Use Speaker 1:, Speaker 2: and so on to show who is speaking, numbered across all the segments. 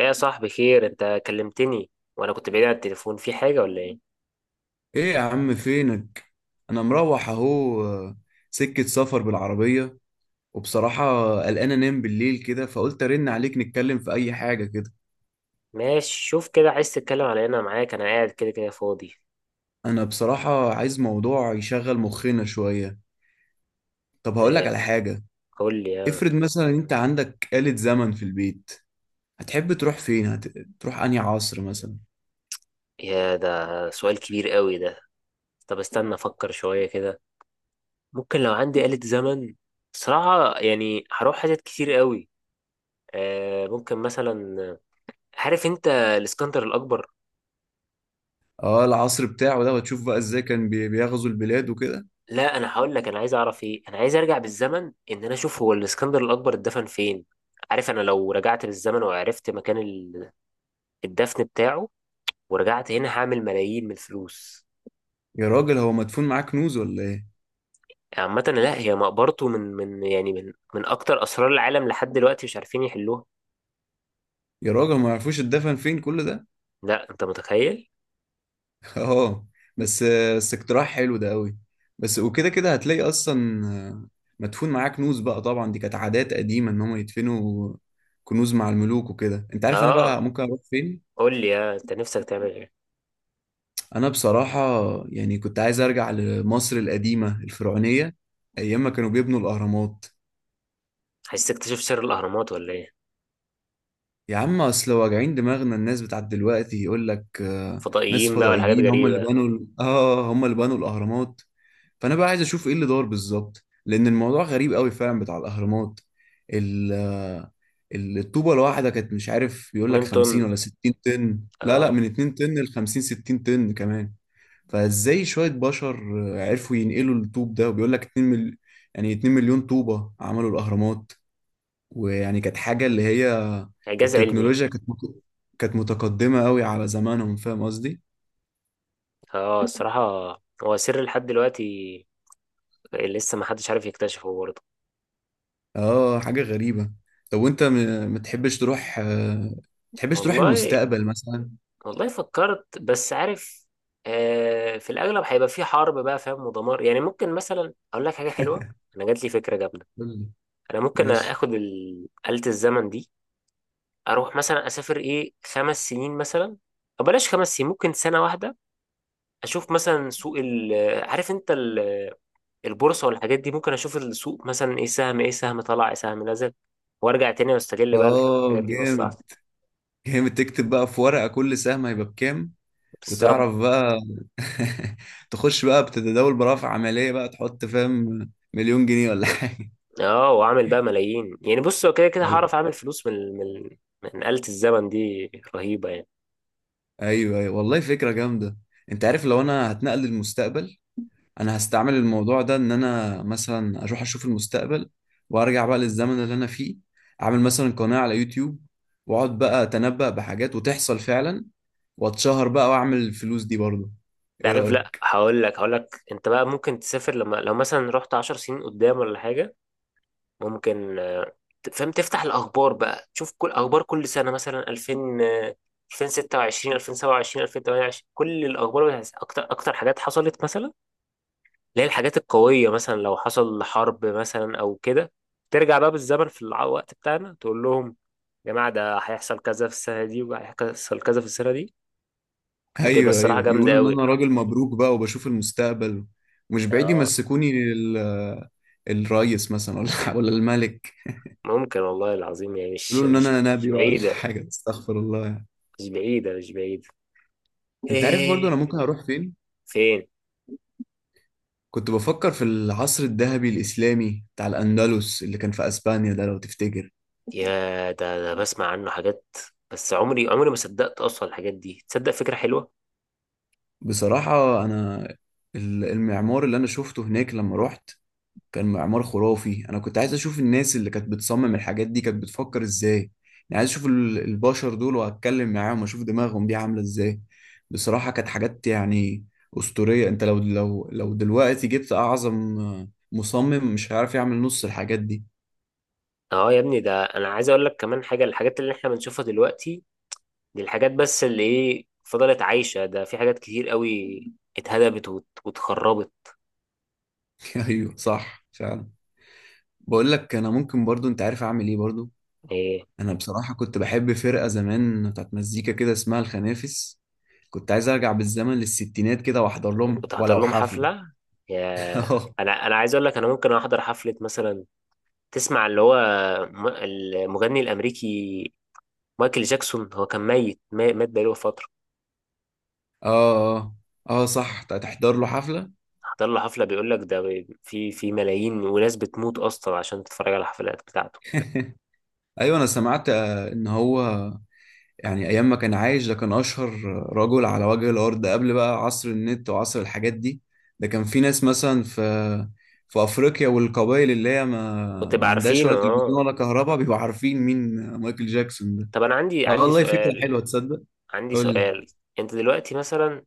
Speaker 1: ايه يا صاحبي، خير؟ انت كلمتني وانا كنت بعيد عن التليفون، في حاجة ولا ايه؟
Speaker 2: ايه يا عم فينك؟ انا مروح اهو، سكة سفر بالعربية. وبصراحة قلقان انام بالليل كده، فقلت ارن عليك نتكلم في اي حاجة كده.
Speaker 1: ماشي، شوف كده، عايز تتكلم على ايه؟ انا معاك، انا قاعد كده كده فاضي.
Speaker 2: انا بصراحة عايز موضوع يشغل مخنا شوية. طب هقولك
Speaker 1: ايه،
Speaker 2: على حاجة.
Speaker 1: قول لي. يا
Speaker 2: افرض مثلا انت عندك آلة زمن في البيت، هتحب تروح فين تروح انهي عصر مثلا؟
Speaker 1: يا ده سؤال كبير قوي ده. طب استنى افكر شوية كده. ممكن لو عندي آلة زمن، صراحة يعني هروح حاجات كتير قوي. اه ممكن مثلا، عارف انت الاسكندر الاكبر؟
Speaker 2: اه العصر بتاعه ده، وتشوف بقى ازاي كان بيغزو البلاد وكده.
Speaker 1: لا، انا هقول لك انا عايز اعرف ايه. انا عايز ارجع بالزمن ان انا اشوف هو الاسكندر الاكبر اتدفن فين. عارف، انا لو رجعت بالزمن وعرفت مكان الدفن بتاعه ورجعت هنا، هعمل ملايين من الفلوس.
Speaker 2: يا راجل هو مدفون معاه كنوز ولا ايه؟
Speaker 1: عامة لا، هي مقبرته من يعني من أكتر أسرار العالم، لحد دلوقتي مش عارفين يحلوها.
Speaker 2: يا راجل ما يعرفوش اتدفن فين كل ده؟
Speaker 1: لا، أنت متخيل؟
Speaker 2: اه، بس بس اقتراح حلو ده قوي. بس وكده كده هتلاقي اصلا آه، مدفون معاه كنوز بقى. طبعا دي كانت عادات قديمه ان هم يدفنوا كنوز مع الملوك وكده. انت عارف انا
Speaker 1: آه،
Speaker 2: بقى ممكن اروح فين؟
Speaker 1: قول لي. يا أنت، نفسك تعمل إيه؟
Speaker 2: انا بصراحه يعني كنت عايز ارجع لمصر القديمه الفرعونيه ايام ما كانوا بيبنوا الاهرامات.
Speaker 1: عايز تكتشف سر الأهرامات ولا إيه؟
Speaker 2: يا عم اصل واجعين دماغنا، الناس بتاعت دلوقتي يقول لك ناس
Speaker 1: فضائيين بقى ولا حاجات
Speaker 2: فضائيين هم اللي
Speaker 1: غريبة؟
Speaker 2: بنوا هم اللي بنوا الاهرامات. فانا بقى عايز اشوف ايه اللي دار بالظبط، لان الموضوع غريب قوي فعلا بتاع الاهرامات. ال الطوبه الواحده كانت، مش عارف بيقول لك
Speaker 1: 2 طن.
Speaker 2: 50 ولا 60 طن، لا لا
Speaker 1: آه.
Speaker 2: من 2 طن ل 50 60 طن كمان. فازاي شويه بشر عرفوا ينقلوا الطوب ده، وبيقول لك يعني 2 مليون طوبه عملوا الاهرامات. ويعني كانت حاجه اللي هي
Speaker 1: إعجاز علمي.
Speaker 2: التكنولوجيا كانت كانت متقدمه قوي على زمانهم، فاهم قصدي.
Speaker 1: آه. الصراحة، هو سر لحد دلوقتي، لسه ما حدش عارف يكتشفه برضه.
Speaker 2: اه حاجة غريبة. طب وانت، ما تحبش تروح
Speaker 1: والله،
Speaker 2: المستقبل مثلا؟
Speaker 1: والله فكرت، بس عارف. في الأغلب هيبقى في حرب، بقى فاهم، ودمار. يعني ممكن مثلا أقول لك حاجة حلوة. أنا جات لي فكرة جامدة.
Speaker 2: قول لي.
Speaker 1: أنا ممكن
Speaker 2: ماشي.
Speaker 1: آخد آلة الزمن دي، أروح مثلا أسافر إيه، 5 سنين مثلا. أو بلاش 5 سنين، ممكن سنة واحدة. أشوف مثلا سوق عارف أنت البورصة والحاجات دي. ممكن أشوف السوق مثلا، إيه سهم، إيه سهم طلع، إيه سهم نزل، وأرجع تاني وأستغل بقى
Speaker 2: اه
Speaker 1: الحاجات دي في
Speaker 2: جامد،
Speaker 1: مصلحتي.
Speaker 2: جامد. تكتب بقى في ورقة كل سهم هيبقى بكام،
Speaker 1: بالظبط.
Speaker 2: وتعرف بقى. تخش بقى بتتداول برافع عملية بقى، تحط فاهم مليون جنيه ولا حاجة.
Speaker 1: اه، واعمل بقى ملايين يعني. بص، هو كده كده
Speaker 2: والله.
Speaker 1: هعرف اعمل فلوس من آلة الزمن دي، رهيبة يعني.
Speaker 2: ايوه، أيوة. والله فكرة جامدة. انت عارف لو انا هتنقل للمستقبل، انا هستعمل الموضوع ده ان انا مثلا اروح اشوف المستقبل وارجع بقى للزمن اللي انا فيه. اعمل مثلا قناة على يوتيوب، واقعد بقى اتنبأ بحاجات وتحصل فعلا، واتشهر بقى واعمل الفلوس دي برضه. ايه
Speaker 1: تعرف، لا
Speaker 2: رأيك؟
Speaker 1: هقول لك، انت بقى ممكن تسافر، لما لو مثلا رحت 10 سنين قدام ولا حاجة. ممكن. فاهم، تفتح الاخبار بقى تشوف كل اخبار كل سنة، مثلا 2000، آه، 2026، 2027، 2028، كل الاخبار اكتر اكتر حاجات حصلت مثلا، اللي هي الحاجات القوية، مثلا لو حصل حرب مثلا أو كده. ترجع بقى بالزمن في الوقت بتاعنا، تقول لهم: يا جماعة، ده هيحصل كذا في السنة دي، وهيحصل كذا في السنة دي. وتبقى
Speaker 2: ايوه،
Speaker 1: الصراحة
Speaker 2: ايوه.
Speaker 1: جامدة
Speaker 2: يقولوا ان
Speaker 1: أوي.
Speaker 2: انا راجل مبروك بقى وبشوف المستقبل. مش بعيد
Speaker 1: اه
Speaker 2: يمسكوني الرئيس مثلا، ولا ولا الملك.
Speaker 1: ممكن، والله العظيم يعني مش
Speaker 2: يقولوا ان
Speaker 1: مش
Speaker 2: انا
Speaker 1: مش
Speaker 2: نبي بقى ولا
Speaker 1: بعيدة.
Speaker 2: حاجة، استغفر الله يعني.
Speaker 1: مش بعيدة، مش بعيدة.
Speaker 2: انت عارف برضه
Speaker 1: ايه؟
Speaker 2: انا ممكن اروح فين؟
Speaker 1: فين؟
Speaker 2: كنت بفكر في العصر الذهبي الإسلامي بتاع الأندلس اللي كان في أسبانيا ده، لو تفتكر.
Speaker 1: يا، ده بسمع عنه حاجات، بس عمري عمري ما صدقت اصلا الحاجات دي تصدق. فكرة حلوة.
Speaker 2: بصراحة أنا المعمار اللي أنا شفته هناك لما رحت كان معمار خرافي. أنا كنت عايز أشوف الناس اللي كانت بتصمم الحاجات دي كانت بتفكر إزاي. يعني عايز أشوف البشر دول وأتكلم معاهم وأشوف دماغهم دي عاملة إزاي. بصراحة كانت حاجات يعني أسطورية. أنت لو لو دلوقتي جبت أعظم مصمم مش هيعرف يعمل نص الحاجات دي.
Speaker 1: اه يا ابني، ده انا عايز اقول لك كمان حاجة. الحاجات اللي احنا بنشوفها دلوقتي، دي الحاجات بس اللي ايه فضلت عايشة، ده في حاجات كتير قوي اتهدمت واتخربت.
Speaker 2: أيوه صح فعلا. بقول لك انا ممكن برضو، انت عارف اعمل ايه برضو؟
Speaker 1: ايه؟
Speaker 2: انا بصراحه كنت بحب فرقه زمان بتاعت مزيكا كده اسمها الخنافس. كنت عايز ارجع بالزمن للستينات كده واحضر لهم
Speaker 1: وتحضر
Speaker 2: ولو
Speaker 1: لهم
Speaker 2: حفله.
Speaker 1: حفلة؟ يا،
Speaker 2: اه.
Speaker 1: انا عايز اقول لك، انا ممكن احضر حفلة مثلا. تسمع اللي هو المغني الامريكي مايكل جاكسون، هو كان ميت، مات بقاله فترة.
Speaker 2: اه، اه صح، تحضر له حفله.
Speaker 1: احضر له حفلة، بيقول لك ده في ملايين، وناس بتموت اصلا عشان تتفرج على الحفلات بتاعته.
Speaker 2: ايوه انا سمعت ان هو يعني ايام ما كان عايش، ده كان اشهر رجل على وجه الارض قبل بقى عصر النت وعصر الحاجات دي. ده كان في ناس مثلا في افريقيا والقبائل اللي هي ما
Speaker 1: وتبقى
Speaker 2: ما عندهاش
Speaker 1: عارفين.
Speaker 2: ولا تلفزيون
Speaker 1: اه،
Speaker 2: ولا كهرباء، بيبقوا عارفين مين مايكل جاكسون ده.
Speaker 1: طب انا عندي
Speaker 2: اه
Speaker 1: عندي
Speaker 2: والله فكرة
Speaker 1: سؤال.
Speaker 2: حلوة تصدق.
Speaker 1: عندي
Speaker 2: قول لي.
Speaker 1: سؤال. انت دلوقتي مثلا،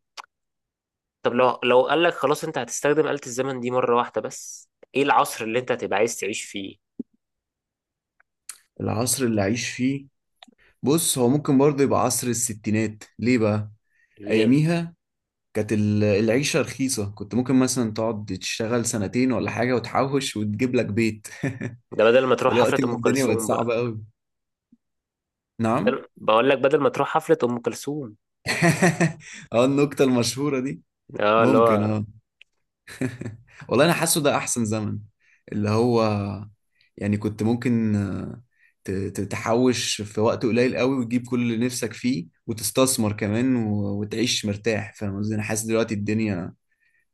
Speaker 1: طب لو قال لك خلاص انت هتستخدم آلة الزمن دي مرة واحدة بس، ايه العصر اللي انت هتبقى عايز تعيش فيه؟
Speaker 2: العصر اللي عايش فيه؟ بص هو ممكن برضه يبقى عصر الستينات. ليه بقى؟
Speaker 1: ليه؟
Speaker 2: اياميها كانت العيشة رخيصة. كنت ممكن مثلا تقعد تشتغل سنتين ولا حاجة وتحوش وتجيب لك بيت.
Speaker 1: ده بدل ما تروح حفلة
Speaker 2: دلوقتي
Speaker 1: ام
Speaker 2: الدنيا بقت
Speaker 1: كلثوم بقى.
Speaker 2: صعبة قوي. نعم؟
Speaker 1: بقول لك، بدل ما تروح حفلة ام كلثوم.
Speaker 2: اه النكتة المشهورة دي.
Speaker 1: اه اللي
Speaker 2: ممكن،
Speaker 1: هو،
Speaker 2: اه. والله انا حاسه ده احسن زمن اللي هو. يعني كنت ممكن تحوش في وقت قليل قوي وتجيب كل اللي نفسك فيه وتستثمر كمان وتعيش مرتاح، فاهم قصدي؟ انا حاسس دلوقتي الدنيا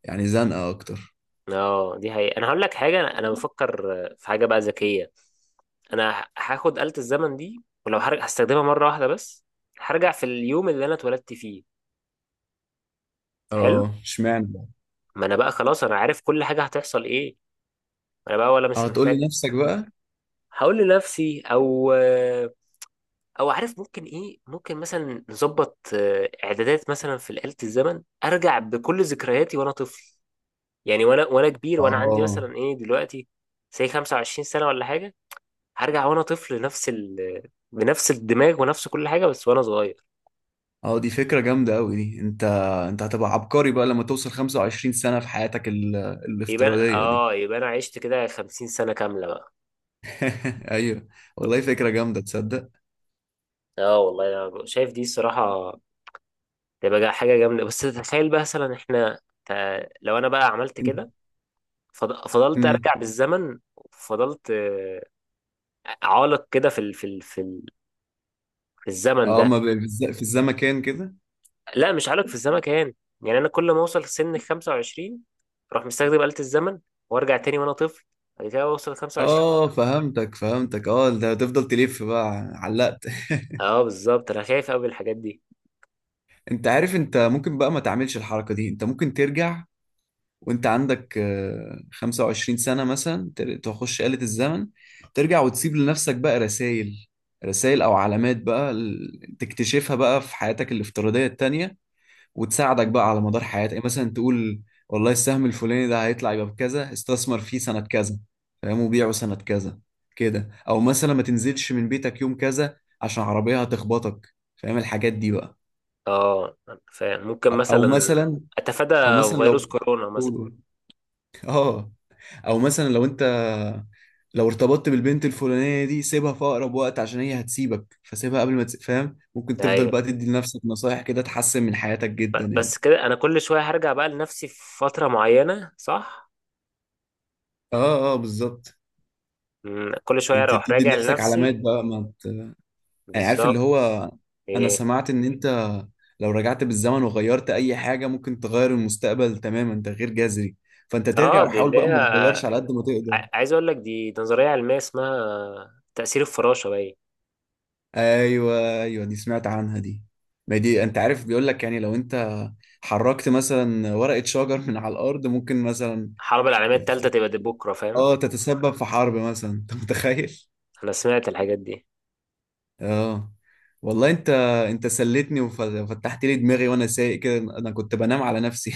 Speaker 2: يعني زنقة اكتر.
Speaker 1: اه دي حقيقة. انا هقول لك حاجة، أنا بفكر في حاجة بقى ذكية. انا هاخد آلة الزمن دي، ولو هرجع هستخدمها مرة واحدة بس، هرجع في اليوم اللي انا اتولدت فيه. حلو،
Speaker 2: اه اشمعنى بقى؟
Speaker 1: ما انا بقى خلاص، انا عارف كل حاجة هتحصل ايه. انا بقى، ولا مش
Speaker 2: اه تقول
Speaker 1: محتاج.
Speaker 2: لنفسك بقى.
Speaker 1: هقول لنفسي، او عارف ممكن ايه، ممكن مثلا نظبط اعدادات مثلا في آلة الزمن، ارجع بكل ذكرياتي وانا طفل. يعني وانا كبير، وانا عندي
Speaker 2: اه،
Speaker 1: مثلا ايه دلوقتي، زي 25 سنة ولا حاجة. هرجع وانا طفل، نفس ال بنفس الدماغ ونفس كل حاجة، بس وانا صغير.
Speaker 2: اه دي فكرة جامدة أوي دي. أنت هتبقى عبقري بقى لما توصل 25 سنة في حياتك
Speaker 1: يبقى
Speaker 2: الافتراضية دي.
Speaker 1: يبقى انا عشت كده 50 سنة كاملة بقى.
Speaker 2: أيوه والله فكرة جامدة تصدق.
Speaker 1: اه والله انا شايف دي، الصراحة تبقى حاجة جامدة. بس تخيل بقى مثلا، احنا لو انا بقى عملت
Speaker 2: أنت.
Speaker 1: كده، فضلت
Speaker 2: مم.
Speaker 1: ارجع بالزمن، فضلت عالق كده في الزمن
Speaker 2: اه،
Speaker 1: ده.
Speaker 2: ما ب... في الزمكان كده.
Speaker 1: لا، مش عالق في الزمن كمان، يعني انا كل ما اوصل سن 25، اروح مستخدم آلة الزمن وارجع تاني وانا طفل، بعد كده اوصل 25.
Speaker 2: اه فهمتك، فهمتك. اه ده هتفضل تلف بقى، علقت.
Speaker 1: اه بالظبط، انا خايف قوي من الحاجات دي.
Speaker 2: أنت عارف أنت ممكن بقى ما تعملش الحركة دي. أنت ممكن ترجع وانت عندك، 25 سنة مثلا، تخش آلة الزمن ترجع وتسيب لنفسك بقى رسائل، رسائل او علامات بقى تكتشفها بقى في حياتك الافتراضية التانية، وتساعدك بقى على مدار حياتك. يعني مثلا تقول: والله السهم الفلاني ده هيطلع يبقى بكذا، استثمر فيه سنة كذا، فاهم، وبيعه سنة كذا كده. او مثلا ما تنزلش من بيتك يوم كذا عشان عربية هتخبطك، فاهم الحاجات دي بقى.
Speaker 1: اه، فممكن
Speaker 2: او
Speaker 1: مثلا
Speaker 2: مثلا،
Speaker 1: اتفادى
Speaker 2: او مثلا
Speaker 1: فيروس
Speaker 2: لو
Speaker 1: كورونا مثلا.
Speaker 2: قول. اه. او مثلا لو ارتبطت بالبنت الفلانيه دي سيبها في اقرب وقت عشان هي هتسيبك، فسيبها قبل ما فاهم؟ ممكن تفضل
Speaker 1: ايوه،
Speaker 2: بقى تدي لنفسك نصايح كده تحسن من حياتك جدا يعني.
Speaker 1: بس كده انا كل شويه هرجع بقى لنفسي في فتره معينه، صح؟
Speaker 2: اه، اه بالظبط.
Speaker 1: كل شويه
Speaker 2: انت
Speaker 1: اروح
Speaker 2: بتدي
Speaker 1: راجع
Speaker 2: لنفسك علامات
Speaker 1: لنفسي.
Speaker 2: بقى، ما ت... يعني عارف اللي
Speaker 1: بالظبط.
Speaker 2: هو. انا
Speaker 1: ايه،
Speaker 2: سمعت ان انت لو رجعت بالزمن وغيرت اي حاجه ممكن تغير المستقبل تماما تغيير جذري. فانت
Speaker 1: اه
Speaker 2: ترجع
Speaker 1: دي
Speaker 2: وحاول
Speaker 1: اللي
Speaker 2: بقى
Speaker 1: هي
Speaker 2: ما تغيرش على قد ما تقدر.
Speaker 1: عايز اقول لك، دي نظريه علميه اسمها تاثير الفراشه، باين.
Speaker 2: ايوه، ايوه دي سمعت عنها دي. ما دي انت عارف بيقول لك يعني لو انت حركت مثلا ورقة شجر من على الأرض ممكن مثلا
Speaker 1: الحرب العالميه الثالثه تبقى دي بكره، فاهم.
Speaker 2: اه تتسبب في حرب مثلا، انت متخيل.
Speaker 1: انا سمعت الحاجات دي.
Speaker 2: اه والله انت سليتني وفتحت لي دماغي وانا سايق كده، انا كنت بنام على نفسي.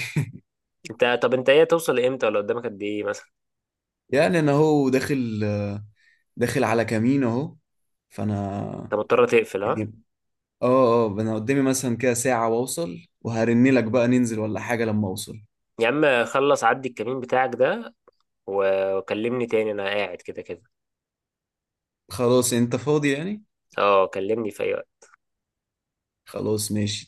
Speaker 1: انت، طب انت ايه، توصل لامتى ولا قدامك قد ايه مثلا؟
Speaker 2: يعني انا اهو داخل، داخل على كمين اهو. فانا
Speaker 1: انت مضطر تقفل؟ ها؟
Speaker 2: يعني، اه، اه انا قدامي مثلا كده ساعة واوصل، وهرن لك بقى ننزل ولا حاجة لما اوصل.
Speaker 1: يا عم خلص، عدي الكمين بتاعك ده وكلمني تاني، انا قاعد كده كده.
Speaker 2: خلاص انت فاضي يعني؟
Speaker 1: اه، كلمني في اي وقت.
Speaker 2: خلاص ماشي